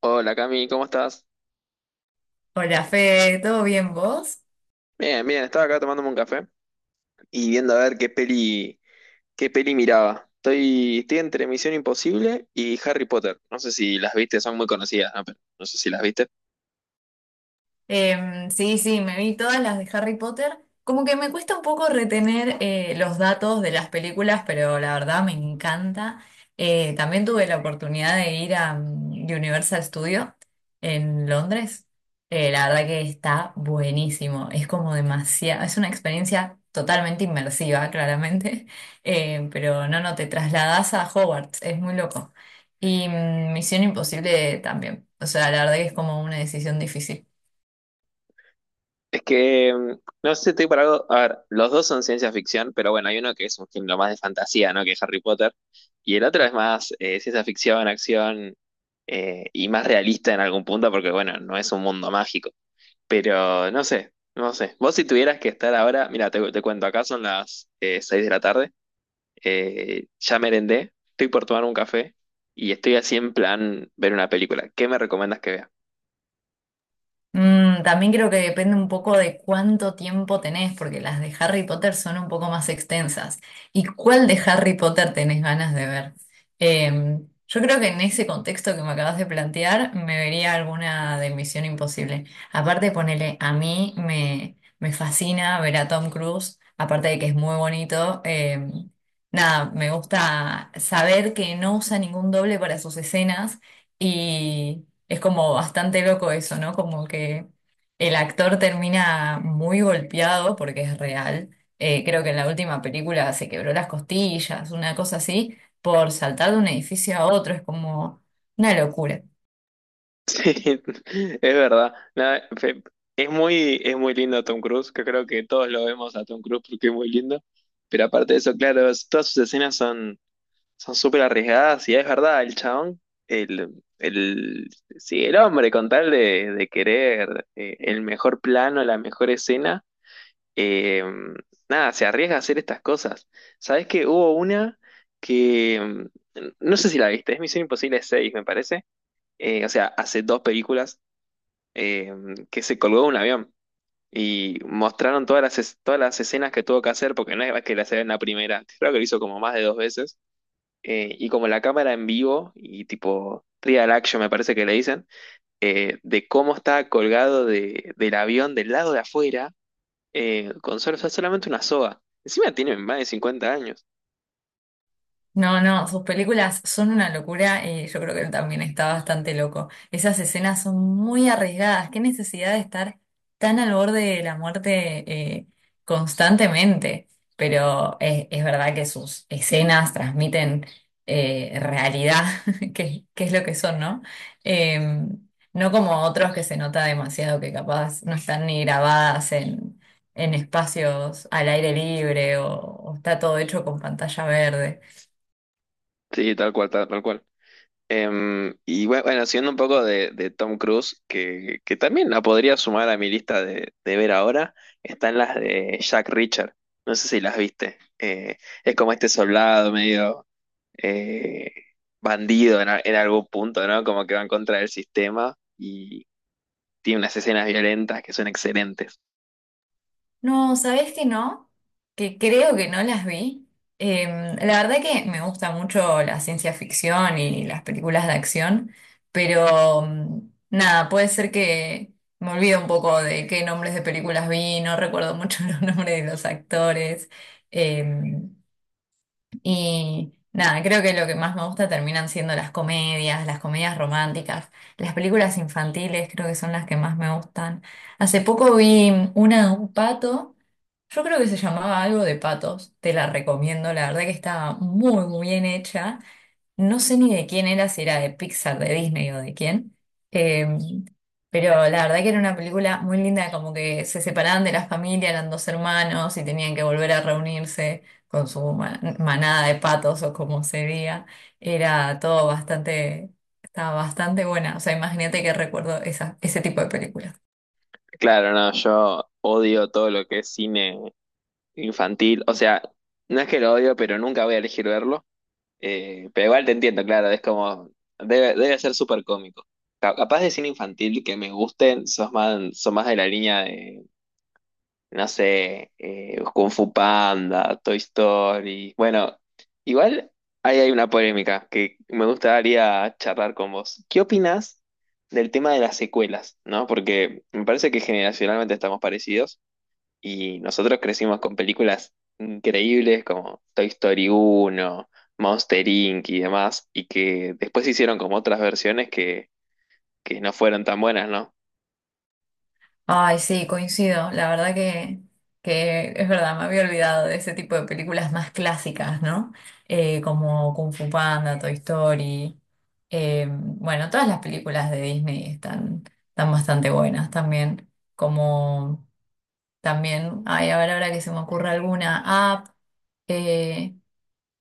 Hola Cami, ¿cómo estás? Hola, Fe, ¿todo bien vos? Bien, bien, estaba acá tomándome un café y viendo a ver qué peli miraba. Estoy entre Misión Imposible y Harry Potter. No sé si las viste, son muy conocidas, ¿no? Pero no sé si las viste. Sí, sí, me vi todas las de Harry Potter. Como que me cuesta un poco retener los datos de las películas, pero la verdad me encanta. También tuve la oportunidad de ir a Universal Studio en Londres. La verdad que está buenísimo. Es como demasiado, es una experiencia totalmente inmersiva, claramente. Pero no, no, te trasladas a Hogwarts, es muy loco. Y Misión Imposible también. O sea, la verdad que es como una decisión difícil. Es que, no sé, estoy para algo. A ver, los dos son ciencia ficción, pero bueno, hay uno que es un género más de fantasía, ¿no? Que es Harry Potter. Y el otro es más ciencia ficción, acción, y más realista en algún punto, porque bueno, no es un mundo mágico. Pero no sé, no sé. Vos si tuvieras que estar ahora, mira, te cuento, acá son las 6 de la tarde, ya merendé, estoy por tomar un café y estoy así en plan ver una película. ¿Qué me recomiendas que vea? También creo que depende un poco de cuánto tiempo tenés, porque las de Harry Potter son un poco más extensas. ¿Y cuál de Harry Potter tenés ganas de ver? Eh, yo creo que en ese contexto que me acabas de plantear, me vería alguna de Misión Imposible. Aparte, ponele, a mí me fascina ver a Tom Cruise, aparte de que es muy bonito. Nada, me gusta saber que no usa ningún doble para sus escenas y... Es como bastante loco eso, ¿no? Como que el actor termina muy golpeado porque es real. Creo que en la última película se quebró las costillas, una cosa así, por saltar de un edificio a otro. Es como una locura. Sí, es verdad. Nada, es muy lindo Tom Cruise, que creo que todos lo vemos a Tom Cruise porque es muy lindo. Pero aparte de eso, claro, todas sus escenas son son súper arriesgadas y es verdad, el chabón, el, el, sí, el hombre con tal de querer el mejor plano, la mejor escena, eh, nada, se arriesga a hacer estas cosas. ¿Sabés que hubo una que, no sé si la viste, es Misión Imposible 6, me parece. O sea, hace dos películas eh, que se colgó de un avión y mostraron todas todas las escenas que tuvo que hacer, porque no es que las haga en la primera, creo que lo hizo como más de dos veces, y como la cámara en vivo y tipo trial action me parece que le dicen, de cómo está colgado del avión del lado de afuera, con solamente una soga. Encima tiene más de 50 años. No, no, sus películas son una locura y yo creo que él también está bastante loco. Esas escenas son muy arriesgadas. Qué necesidad de estar tan al borde de la muerte eh, constantemente. Pero es verdad que sus escenas transmiten realidad, que es lo que son, ¿no? Eh, no como otros que se nota demasiado que capaz no están ni grabadas en espacios al aire libre o está todo hecho con pantalla verde. Sí, tal cual, tal, tal cual. Y bueno, siendo un poco de Tom Cruise, que también la podría sumar a mi lista de ver ahora, están las de Jack Richard. No sé si las viste. Es como este soldado medio eh, bandido en, en algún punto, ¿no? Como que va en contra del sistema y tiene unas escenas violentas que son excelentes. No, ¿sabés que no? Que creo que no las vi. La verdad que me gusta mucho la ciencia ficción y las películas de acción, pero nada, puede ser que me olvido un poco de qué nombres de películas vi, no recuerdo mucho los nombres de los actores. Eh, y nada, creo que lo que más me gusta terminan siendo las comedias románticas, las películas infantiles creo que son las que más me gustan. Hace poco vi una de un pato, yo creo que se llamaba algo de patos, te la recomiendo, la verdad que estaba muy, muy bien hecha, no sé ni de quién era, si era de Pixar, de Disney o de quién. Eh, pero la verdad que era una película muy linda, como que se separaban de la familia, eran dos hermanos y tenían que volver a reunirse con su manada de patos o como se diga. Era todo bastante, estaba bastante buena. O sea, imagínate que recuerdo esa, ese tipo de películas. Claro, no, yo odio todo lo que es cine infantil. O sea, no es que lo odio, pero nunca voy a elegir verlo. Pero igual te entiendo, claro, es como, debe, debe ser súper cómico. Capaz de cine infantil que me gusten, sos más, son más de la línea de no sé, Kung Fu Panda, Toy Story. Bueno, igual ahí hay una polémica que me gustaría charlar con vos. ¿Qué opinás del tema de las secuelas, no? Porque me parece que generacionalmente estamos parecidos y nosotros crecimos con películas increíbles como Toy Story uno, Monster Inc. y demás, y que después se hicieron como otras versiones que no fueron tan buenas, ¿no? Ay, sí, coincido. La verdad que es verdad, me había olvidado de ese tipo de películas más clásicas, ¿no? Como Kung Fu Panda, Toy Story. Bueno, todas las películas de Disney están, están bastante buenas también. Como también, ay, a ver ahora que se me ocurra alguna app.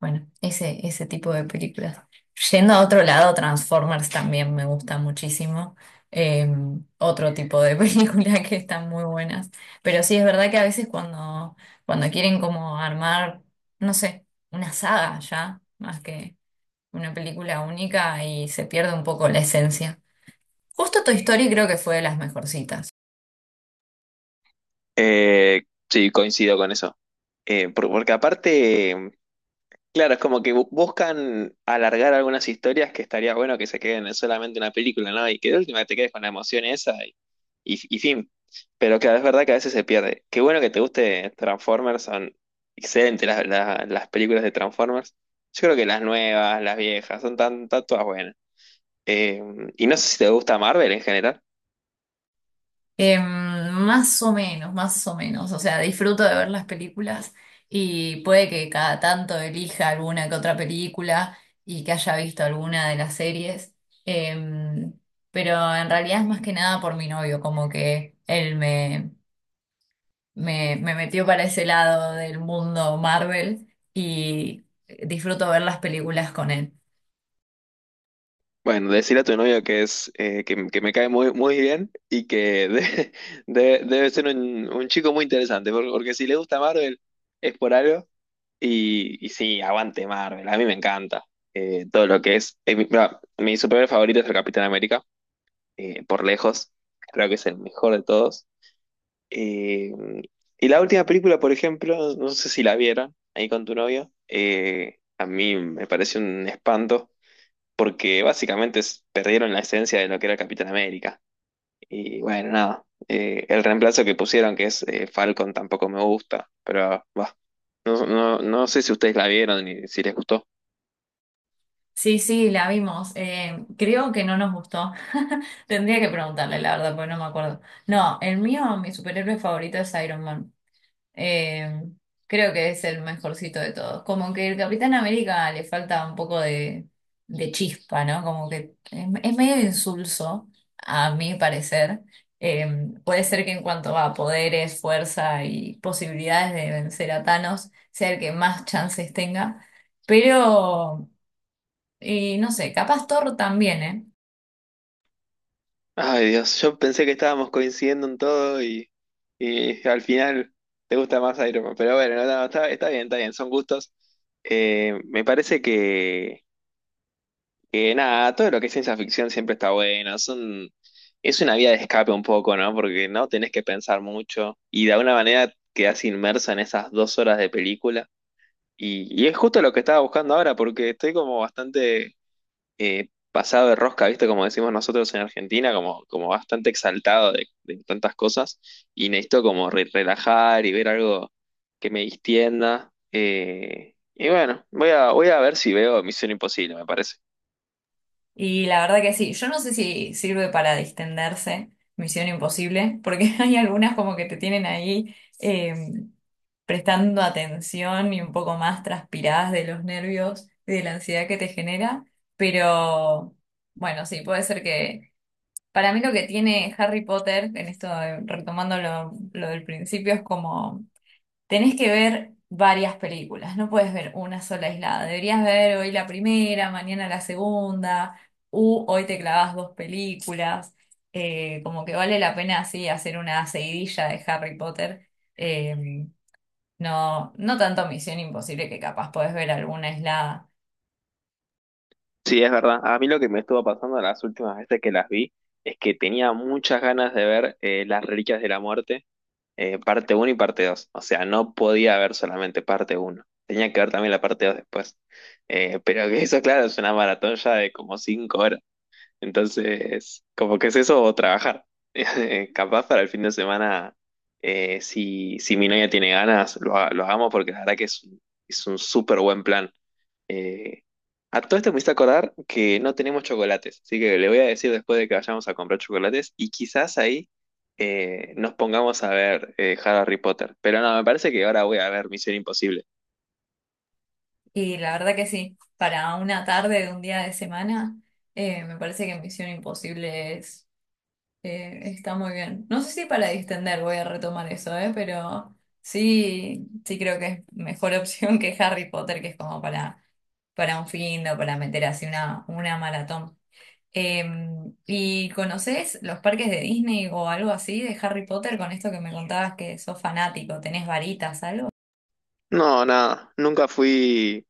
Bueno, ese tipo de películas. Yendo a otro lado, Transformers también me gusta muchísimo. Eh, Otro tipo de película que están muy buenas. Pero sí, es verdad que a veces cuando quieren como armar, no sé, una saga ya, más que una película única y se pierde un poco la esencia. Justo Toy Story creo que fue de las mejorcitas. Eh, sí, coincido con eso. Porque aparte. Claro, es como que buscan alargar algunas historias que estaría bueno que se queden en solamente una película, ¿no? Y que de última te quedes con la emoción esa y fin. Pero claro, es verdad que a veces se pierde. Qué bueno que te guste Transformers, son excelentes las películas de Transformers. Yo creo que las nuevas, las viejas, son tan, tan todas buenas. Eh, y no sé si te gusta Marvel en general. Em, Más o menos, más o menos. O sea, disfruto de ver las películas y puede que cada tanto elija alguna que otra película y que haya visto alguna de las series. Em, pero en realidad es más que nada por mi novio, como que él me metió para ese lado del mundo Marvel y disfruto ver las películas con él. Bueno, decirle a tu novio que es que me cae muy, muy bien y que debe ser un chico muy interesante, porque porque, si le gusta Marvel es por algo y sí, aguante Marvel, a mí me encanta todo lo que es. Mi, mira, mi superhéroe favorito es el Capitán América, por lejos, creo que es el mejor de todos. Eh, y la última película, por ejemplo, no sé si la vieron ahí con tu novio, a mí me parece un espanto porque básicamente perdieron la esencia de lo que era el Capitán América. Y bueno, nada, el reemplazo que pusieron, que es Falcon, tampoco me gusta, pero va. No, no, no sé si ustedes la vieron y si les gustó. Sí, sí, la vimos. Creo que no nos gustó. Tendría que preguntarle, la verdad, porque no me acuerdo. No, el mío, mi superhéroe favorito es Iron Man. Eh, Creo que es el mejorcito de todos. Como que el Capitán América le falta un poco de chispa, ¿no? Como que es medio insulso, a mi parecer. Eh, Puede ser que en cuanto a poderes, fuerza y posibilidades de vencer a Thanos, sea el que más chances tenga. Pero y no sé, capaz Thor también, ¿eh? Ay, Dios, yo pensé que estábamos coincidiendo en todo y al final te gusta más Iron Man. Pero bueno, no, no, está, está bien, son gustos. Me parece que nada, todo lo que es ciencia ficción siempre está bueno. Es una vía de escape un poco, ¿no? Porque no tenés que pensar mucho y de alguna manera quedás inmerso en esas dos horas de película. Y es justo lo que estaba buscando ahora, porque estoy como bastante pasado de rosca, ¿viste? Como decimos nosotros en Argentina, como, como bastante exaltado de tantas cosas. Y necesito como relajar y ver algo que me distienda. Y bueno, voy a ver si veo Misión Imposible, me parece. Y la verdad que sí, yo no sé si sirve para distenderse, Misión Imposible, porque hay algunas como que te tienen ahí prestando atención y un poco más transpiradas de los nervios y de la ansiedad que te genera, pero bueno, sí, puede ser que... Para mí lo que tiene Harry Potter, en esto retomando lo del principio, es como tenés que ver varias películas, no puedes ver una sola aislada. Deberías ver hoy la primera, mañana la segunda, u hoy te clavas dos películas. Como que vale la pena así hacer una seguidilla de Harry Potter. Eh, no, no tanto Misión Imposible que capaz podés ver alguna aislada. Sí, es verdad. A mí lo que me estuvo pasando las últimas veces que las vi es que tenía muchas ganas de ver Las Reliquias de la Muerte, parte 1 y parte 2. O sea, no podía ver solamente parte 1. Tenía que ver también la parte 2 después. Pero que eso, claro, es una maratón ya de como 5 horas. Entonces, como que es eso o trabajar. Capaz para el fin de semana, si mi novia tiene ganas, lo hagamos porque la verdad que es un súper buen plan. Eh, a todo esto me hice acordar que no tenemos chocolates, así que le voy a decir después de que vayamos a comprar chocolates y quizás ahí nos pongamos a ver Harry Potter. Pero no, me parece que ahora voy a ver Misión Imposible. Y la verdad que sí, para una tarde de un día de semana, me parece que Misión Imposible está muy bien. No sé si para distender voy a retomar eso, ¿eh? Pero sí, sí creo que es mejor opción que Harry Potter, que es como para un fin o para meter así una maratón. Eh, ¿Y conoces los parques de Disney o algo así de Harry Potter con esto que me contabas que sos fanático? ¿Tenés varitas, algo? No, nada, nunca fui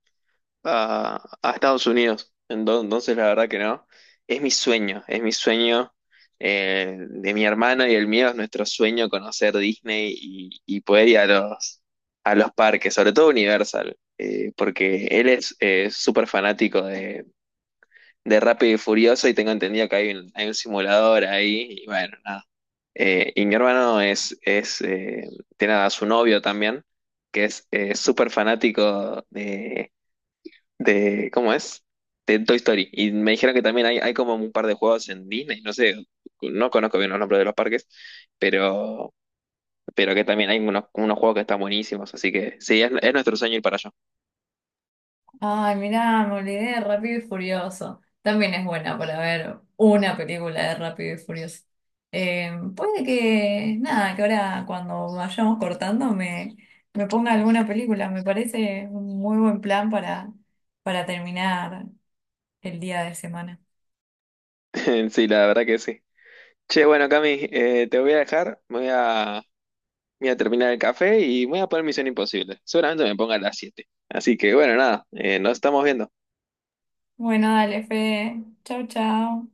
a Estados Unidos. Entonces, la verdad que no. Es mi sueño de mi hermano y el mío, es nuestro sueño conocer Disney y poder ir a los parques, sobre todo Universal, porque él es súper fanático de Rápido y Furioso y tengo entendido que hay un simulador ahí y bueno, nada. Y mi hermano es tiene a su novio también, que es súper fanático de, ¿cómo es? De Toy Story. Y me dijeron que también hay como un par de juegos en Disney, no sé, no conozco bien los nombres de los parques, pero, pero que también hay unos, unos juegos que están buenísimos, así que sí, es nuestro sueño ir para allá. Ay, mirá, me olvidé de Rápido y Furioso. También es buena para ver una película de Rápido y Furioso. Puede que, nada, que ahora cuando vayamos cortando me ponga alguna película. Me parece un muy buen plan para terminar el día de semana. Sí, la verdad que sí. Che, bueno, Cami, te voy a dejar, me voy a, voy a terminar el café y me voy a poner Misión Imposible. Seguramente me ponga a las 7. Así que bueno, nada, nos estamos viendo. Bueno, dale, Fede. Chau, chau.